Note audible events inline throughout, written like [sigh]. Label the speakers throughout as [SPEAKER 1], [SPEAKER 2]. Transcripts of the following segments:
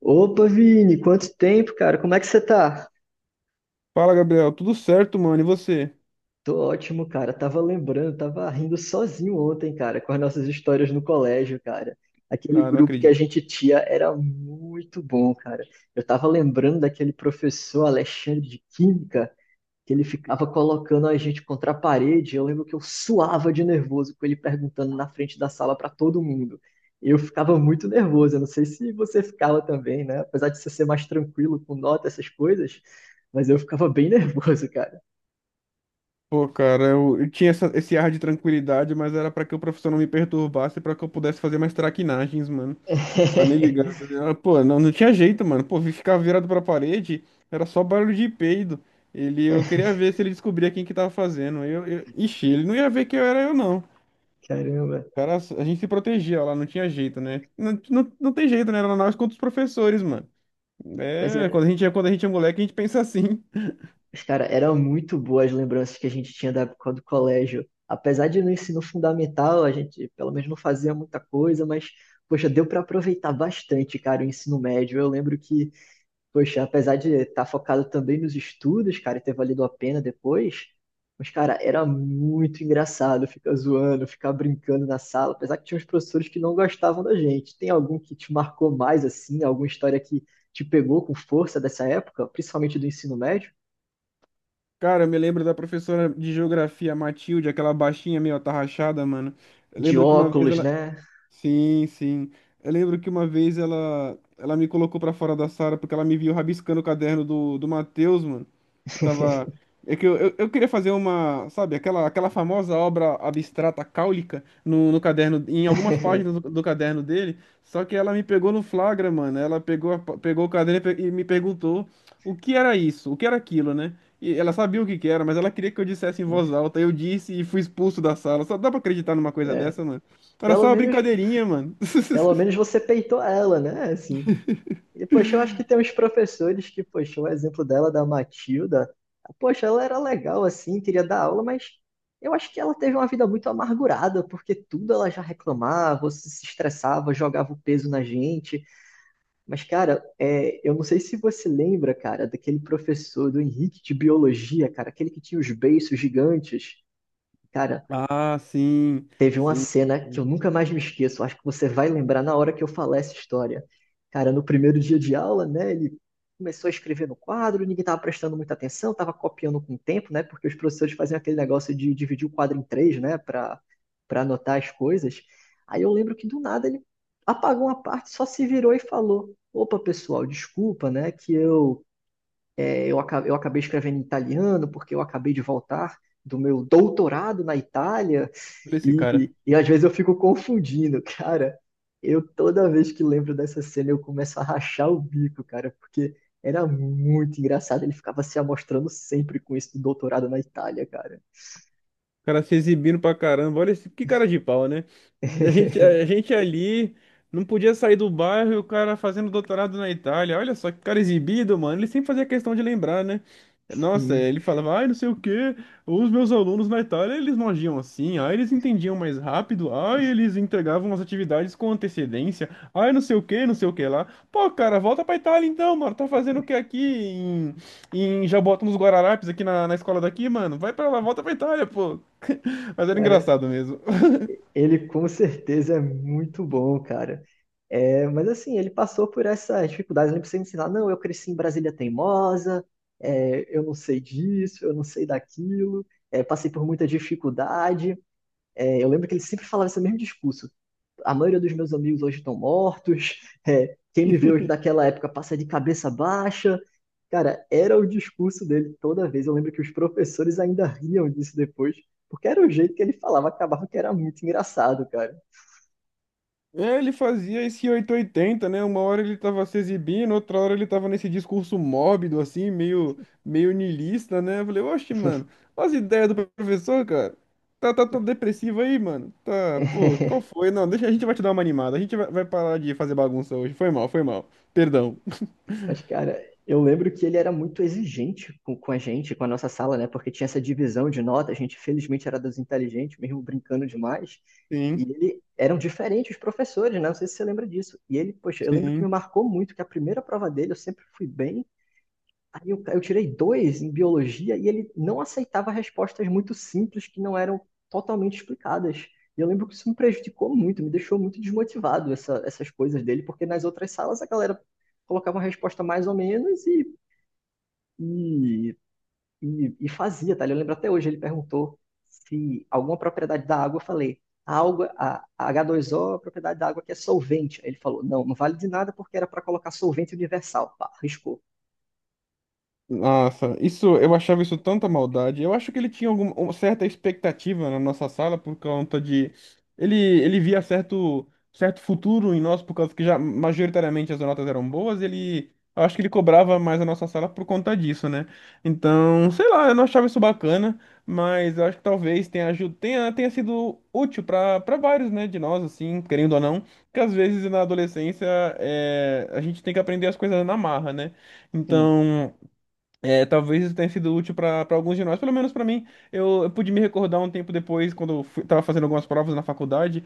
[SPEAKER 1] Opa, Vini, quanto tempo, cara? Como é que você tá?
[SPEAKER 2] Fala, Gabriel. Tudo certo, mano? E você?
[SPEAKER 1] Tô ótimo, cara. Tava lembrando, tava rindo sozinho ontem, cara, com as nossas histórias no colégio, cara. Aquele
[SPEAKER 2] Ah, não
[SPEAKER 1] grupo que a
[SPEAKER 2] acredito.
[SPEAKER 1] gente tinha era muito bom, cara. Eu tava lembrando daquele professor Alexandre de Química. Que ele ficava colocando a gente contra a parede. Eu lembro que eu suava de nervoso com ele perguntando na frente da sala para todo mundo. Eu ficava muito nervoso. Eu não sei se você ficava também, né? Apesar de você ser mais tranquilo com nota, essas coisas, mas eu ficava bem nervoso, cara.
[SPEAKER 2] Pô, cara, eu tinha esse ar de tranquilidade, mas era pra que o professor não me perturbasse, pra que eu pudesse fazer mais traquinagens, mano. Tá nem
[SPEAKER 1] [laughs]
[SPEAKER 2] ligado. Pô, não tinha jeito, mano. Pô, ficar virado pra parede era só barulho de peido. Eu queria ver se ele descobria quem que tava fazendo. Ele não ia ver que eu era eu, não.
[SPEAKER 1] Caramba.
[SPEAKER 2] Cara, a gente se protegia lá, não tinha jeito, né? Não tem jeito, né? Era nós contra os professores, mano.
[SPEAKER 1] Mas,
[SPEAKER 2] É,
[SPEAKER 1] era-
[SPEAKER 2] quando a gente é moleque, a gente pensa assim.
[SPEAKER 1] mas, cara, eram muito boas as lembranças que a gente tinha da época do colégio. Apesar de no ensino fundamental, a gente pelo menos não fazia muita coisa, mas, poxa, deu para aproveitar bastante, cara, o ensino médio. Eu lembro que poxa, apesar de estar focado também nos estudos, cara, e ter valido a pena depois, mas, cara, era muito engraçado ficar zoando, ficar brincando na sala, apesar que tinha uns professores que não gostavam da gente. Tem algum que te marcou mais, assim, alguma história que te pegou com força dessa época, principalmente do ensino médio?
[SPEAKER 2] Cara, eu me lembro da professora de geografia, Matilde, aquela baixinha meio atarrachada, mano. Eu
[SPEAKER 1] De
[SPEAKER 2] lembro que uma vez
[SPEAKER 1] óculos,
[SPEAKER 2] ela,
[SPEAKER 1] né?
[SPEAKER 2] Sim, sim. Eu lembro que uma vez ela me colocou pra fora da sala porque ela me viu rabiscando o caderno do Matheus, mano. Eu tava.
[SPEAKER 1] [laughs]
[SPEAKER 2] É que eu queria fazer sabe, aquela famosa obra abstrata cáulica no caderno, em algumas páginas do caderno dele, só que ela me pegou no flagra, mano. Ela pegou, pegou o caderno e e me perguntou o que era isso, o que era aquilo, né? E ela sabia o que que era, mas ela queria que eu dissesse em voz alta. Eu disse e fui expulso da sala. Só dá pra acreditar numa coisa
[SPEAKER 1] É,
[SPEAKER 2] dessa, mano? Era
[SPEAKER 1] pelo
[SPEAKER 2] só uma
[SPEAKER 1] menos,
[SPEAKER 2] brincadeirinha, mano.
[SPEAKER 1] pelo menos
[SPEAKER 2] [laughs]
[SPEAKER 1] você peitou ela, né? Assim. E, poxa, eu acho que tem uns professores que, poxa, o exemplo dela, da Matilda, poxa, ela era legal assim, queria dar aula, mas eu acho que ela teve uma vida muito amargurada, porque tudo ela já reclamava, ou se estressava, jogava o peso na gente. Mas, cara, é, eu não sei se você lembra, cara, daquele professor do Henrique de Biologia, cara, aquele que tinha os beiços gigantes. Cara,
[SPEAKER 2] Ah, sim,
[SPEAKER 1] teve uma
[SPEAKER 2] sim.
[SPEAKER 1] cena que eu
[SPEAKER 2] Sim.
[SPEAKER 1] nunca mais me esqueço. Acho que você vai lembrar na hora que eu falar essa história. Cara, no primeiro dia de aula, né? Ele começou a escrever no quadro, ninguém estava prestando muita atenção, estava copiando com o tempo, né? Porque os professores faziam aquele negócio de dividir o quadro em três, né? Para anotar as coisas. Aí eu lembro que do nada ele apagou uma parte, só se virou e falou: Opa, pessoal, desculpa, né? Que eu, é, eu, aca- Eu acabei escrevendo em italiano porque eu acabei de voltar do meu doutorado na Itália.
[SPEAKER 2] Por esse cara.
[SPEAKER 1] E às vezes eu fico confundindo, cara. Eu toda vez que lembro dessa cena eu começo a rachar o bico, cara, porque era muito engraçado. Ele ficava se amostrando sempre com isso do doutorado na Itália, cara.
[SPEAKER 2] Cara se exibindo pra caramba. Olha esse, que cara de pau, né?
[SPEAKER 1] [laughs]
[SPEAKER 2] A gente ali não podia sair do bairro e o cara fazendo doutorado na Itália. Olha só que cara exibido, mano. Ele sempre fazia questão de lembrar, né? Nossa,
[SPEAKER 1] Sim,
[SPEAKER 2] ele falava, ai, não sei o quê, os meus alunos na Itália, eles não agiam assim, ai, eles entendiam mais rápido, ai, eles entregavam as atividades com antecedência, ai, não sei o quê, não sei o que lá. Pô, cara, volta pra Itália então, mano, tá fazendo o que em Jaboatão dos Guararapes, aqui na escola daqui, mano? Vai pra lá, volta pra Itália, pô. [laughs] Mas era
[SPEAKER 1] cara,
[SPEAKER 2] engraçado mesmo.
[SPEAKER 1] ele com certeza é muito bom, cara. É, mas assim, ele passou por essas dificuldades. Ele precisa ensinar, não, eu cresci em Brasília teimosa, é, eu não sei disso, eu não sei daquilo, é, passei por muita dificuldade. É, eu lembro que ele sempre falava esse mesmo discurso. A maioria dos meus amigos hoje estão mortos, [laughs] é, quem me vê hoje daquela época passa de cabeça baixa. Cara, era o discurso dele toda vez. Eu lembro que os professores ainda riam disso depois, porque era o jeito que ele falava, acabava que era muito engraçado, cara.
[SPEAKER 2] É, ele fazia esse oito ou oitenta, né? Uma hora ele tava se exibindo, outra hora ele tava nesse discurso mórbido, assim, meio niilista, né? Eu falei, oxe, mano, olha as ideias do professor, cara. Tá todo depressivo aí, mano. Tá, pô,
[SPEAKER 1] [laughs]
[SPEAKER 2] qual foi? Não, deixa, a gente vai te dar uma animada. Vai parar de fazer bagunça hoje. Foi mal, foi mal. Perdão.
[SPEAKER 1] Mas, cara, eu lembro que ele era muito exigente com a gente, com a nossa sala, né? Porque tinha essa divisão de nota, a gente felizmente era dos inteligentes, mesmo brincando demais. E
[SPEAKER 2] Sim,
[SPEAKER 1] ele eram diferentes os professores, né? Não sei se você lembra disso. E ele, poxa, eu lembro que me
[SPEAKER 2] sim.
[SPEAKER 1] marcou muito que a primeira prova dele eu sempre fui bem. Aí eu tirei dois em biologia e ele não aceitava respostas muito simples que não eram totalmente explicadas. E eu lembro que isso me prejudicou muito, me deixou muito desmotivado essas coisas dele, porque nas outras salas a galera colocava uma resposta mais ou menos e, e fazia, tá? Eu lembro até hoje, ele perguntou se alguma propriedade da água, eu falei, a água, a H2O, é a propriedade da água que é solvente. Aí ele falou, não, não vale de nada porque era para colocar solvente universal. Pá, riscou.
[SPEAKER 2] Nossa, isso eu achava isso tanta maldade. Eu acho que ele tinha alguma uma certa expectativa na nossa sala por conta de ele ele via certo futuro em nós por causa que já majoritariamente as notas eram boas, ele eu acho que ele cobrava mais a nossa sala por conta disso, né? Então, sei lá, eu não achava isso bacana, mas eu acho que talvez tenha aju- tenha tenha sido útil para vários, né, de nós assim, querendo ou não, que às vezes na adolescência é, a gente tem que aprender as coisas na marra, né? Então, é, talvez isso tenha sido útil para alguns de nós, pelo menos para mim. Eu pude me recordar um tempo depois, quando eu fui, tava fazendo algumas provas na faculdade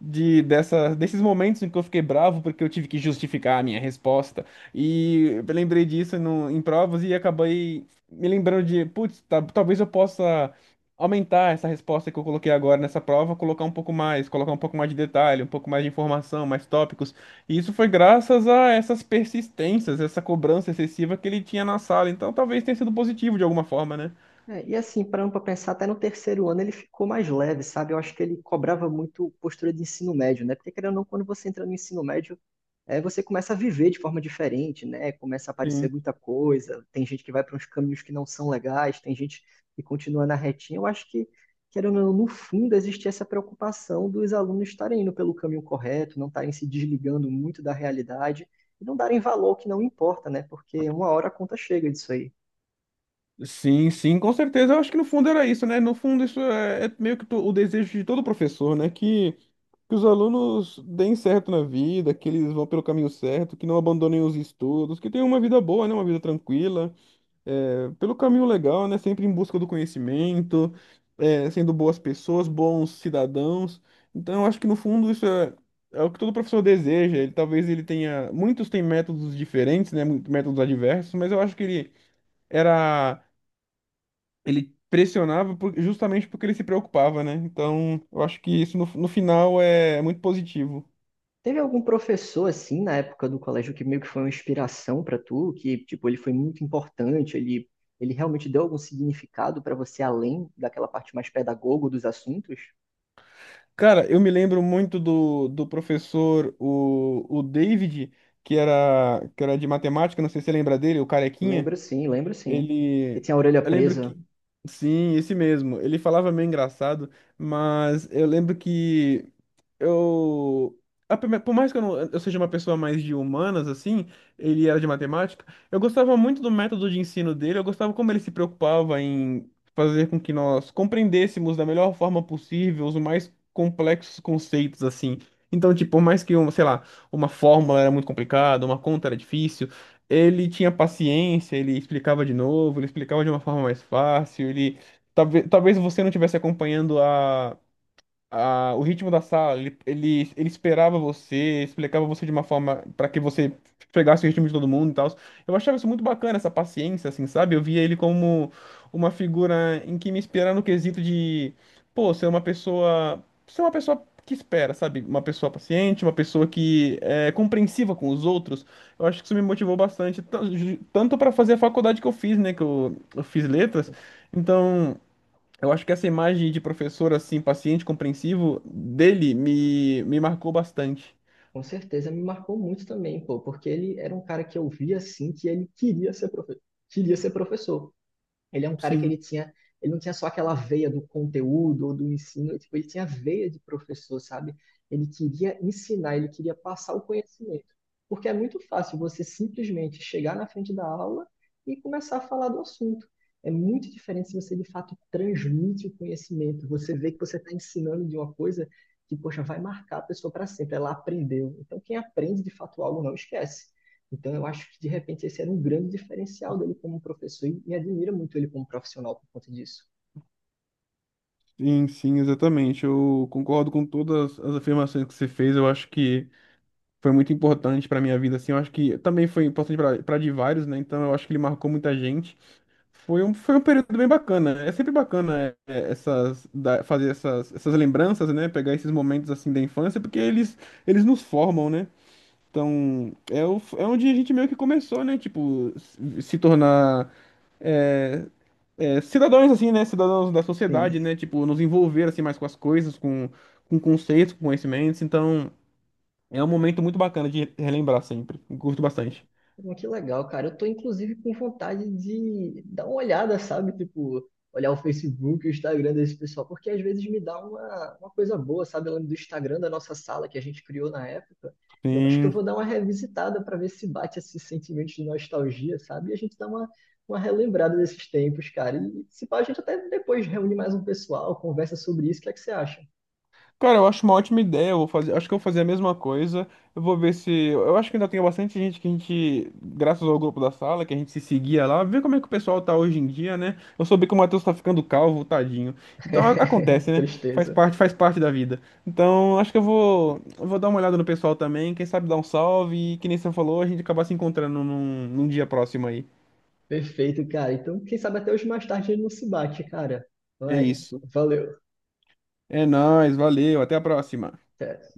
[SPEAKER 2] desses momentos em que eu fiquei bravo porque eu tive que justificar a minha resposta. E eu lembrei disso no, em provas e acabei me lembrando de, putz, talvez eu possa aumentar essa resposta que eu coloquei agora nessa prova, colocar um pouco mais, colocar um pouco mais de detalhe, um pouco mais de informação, mais tópicos. E isso foi graças a essas persistências, essa cobrança excessiva que ele tinha na sala. Então talvez tenha sido positivo de alguma forma, né?
[SPEAKER 1] É, e assim, parando para pensar, até no terceiro ano ele ficou mais leve, sabe? Eu acho que ele cobrava muito postura de ensino médio, né? Porque querendo ou não, quando você entra no ensino médio, é, você começa a viver de forma diferente, né? Começa a aparecer
[SPEAKER 2] Sim.
[SPEAKER 1] muita coisa, tem gente que vai para uns caminhos que não são legais, tem gente que continua na retinha. Eu acho que, querendo ou não, no fundo existe essa preocupação dos alunos estarem indo pelo caminho correto, não estarem se desligando muito da realidade e não darem valor ao que não importa, né? Porque uma hora a conta chega disso aí.
[SPEAKER 2] Sim, sim, com certeza. Eu acho que no fundo era isso, né? No fundo, isso é, é meio o desejo de todo professor, né? Que os alunos deem certo na vida, que eles vão pelo caminho certo, que não abandonem os estudos, que tenham uma vida boa, né? Uma vida tranquila, é, pelo caminho legal, né? Sempre em busca do conhecimento, é, sendo boas pessoas, bons cidadãos. Então, eu acho que no fundo isso é, é o que todo professor deseja. Ele, talvez ele tenha. Muitos têm métodos diferentes, né? Métodos adversos, mas eu acho que era ele pressionava justamente porque ele se preocupava, né? Então, eu acho que isso no final é muito positivo.
[SPEAKER 1] Teve algum professor assim na época do colégio que meio que foi uma inspiração pra tu, que tipo ele foi muito importante, ele realmente deu algum significado pra você além daquela parte mais pedagogo dos assuntos?
[SPEAKER 2] Cara, eu me lembro muito do professor, o David, que era de matemática, não sei se você lembra dele, o Carequinha.
[SPEAKER 1] Lembro sim, lembro sim. Que
[SPEAKER 2] Ele.
[SPEAKER 1] tinha a orelha
[SPEAKER 2] Eu lembro
[SPEAKER 1] presa.
[SPEAKER 2] que. Sim, esse mesmo. Ele falava meio engraçado, mas eu lembro que. Eu A por mais que eu, não, eu seja uma pessoa mais de humanas assim, ele era de matemática, eu gostava muito do método de ensino dele, eu gostava como ele se preocupava em fazer com que nós compreendêssemos da melhor forma possível os mais complexos conceitos assim. Então, tipo, por mais que, um, sei lá, uma fórmula era muito complicada, uma conta era difícil, ele tinha paciência, ele explicava de novo, ele explicava de uma forma mais fácil, ele talvez você não estivesse acompanhando o ritmo da sala, ele esperava você, explicava você de uma forma para que você pegasse o ritmo de todo mundo e tal. Eu achava isso muito bacana, essa paciência, assim, sabe? Eu via ele como uma figura em que me inspirava no quesito de, pô, ser uma pessoa que espera, sabe? Uma pessoa paciente, uma pessoa que é compreensiva com os outros. Eu acho que isso me motivou bastante, tanto para fazer a faculdade que eu fiz, né? Que eu fiz letras. Então, eu acho que essa imagem de professor, assim, paciente, compreensivo, dele me marcou bastante.
[SPEAKER 1] Com certeza me marcou muito também, pô, porque ele era um cara que eu via assim que ele queria ser profe queria ser professor. Ele é um cara que
[SPEAKER 2] Sim,
[SPEAKER 1] ele tinha, ele não tinha só aquela veia do conteúdo ou do ensino, tipo, ele tinha veia de professor, sabe? Ele queria ensinar, ele queria passar o conhecimento. Porque é muito fácil você simplesmente chegar na frente da aula e começar a falar do assunto. É muito diferente se você de fato transmite o conhecimento. Você vê que você está ensinando de uma coisa que, poxa, vai marcar a pessoa para sempre. Ela aprendeu. Então, quem aprende de fato algo não esquece. Então, eu acho que, de repente, esse era um grande diferencial dele como professor e me admira muito ele como profissional por conta disso.
[SPEAKER 2] sim, sim, exatamente. Eu concordo com todas as afirmações que você fez. Eu acho que foi muito importante para minha vida, assim. Eu acho que também foi importante para de vários, né? Então eu acho que ele marcou muita gente. Foi um período bem bacana. É sempre bacana é, fazer essas lembranças, né? Pegar esses momentos, assim, da infância, porque eles nos formam, né? Então, é, é onde a gente meio que começou, né? Tipo, se tornar é, é, cidadãos, assim, né? Cidadãos da
[SPEAKER 1] Sim.
[SPEAKER 2] sociedade, né? Tipo, nos envolver, assim, mais com as coisas, com conceitos, com conhecimentos. Então, é um momento muito bacana de relembrar sempre. Curto bastante.
[SPEAKER 1] Pô, que legal, cara. Eu tô, inclusive, com vontade de dar uma olhada, sabe? Tipo, olhar o Facebook, o Instagram desse pessoal, porque às vezes me dá uma coisa boa, sabe? Eu lembro do Instagram da nossa sala que a gente criou na época. Eu acho que eu
[SPEAKER 2] Sim.
[SPEAKER 1] vou dar uma revisitada para ver se bate esse sentimento de nostalgia, sabe? E a gente dá uma relembrada desses tempos, cara. E se pá, a gente até depois reúne mais um pessoal, conversa sobre isso. O que é que você acha?
[SPEAKER 2] Cara, eu acho uma ótima ideia. Eu vou fazer, acho que eu vou fazer a mesma coisa. Eu vou ver se. Eu acho que ainda tem bastante gente que a gente, graças ao grupo da sala, que a gente se seguia lá, ver como é que o pessoal tá hoje em dia, né? Eu soube que o Matheus tá ficando calvo, tadinho.
[SPEAKER 1] [laughs]
[SPEAKER 2] Então
[SPEAKER 1] Que
[SPEAKER 2] acontece, né?
[SPEAKER 1] tristeza.
[SPEAKER 2] Faz parte da vida. Então acho que eu vou dar uma olhada no pessoal também. Quem sabe dar um salve e, que nem você falou, a gente acabar se encontrando num dia próximo aí.
[SPEAKER 1] Perfeito, cara. Então, quem sabe até hoje mais tarde ele não se bate, cara.
[SPEAKER 2] É
[SPEAKER 1] Vai,
[SPEAKER 2] isso.
[SPEAKER 1] valeu.
[SPEAKER 2] É nóis, valeu, até a próxima.
[SPEAKER 1] Até.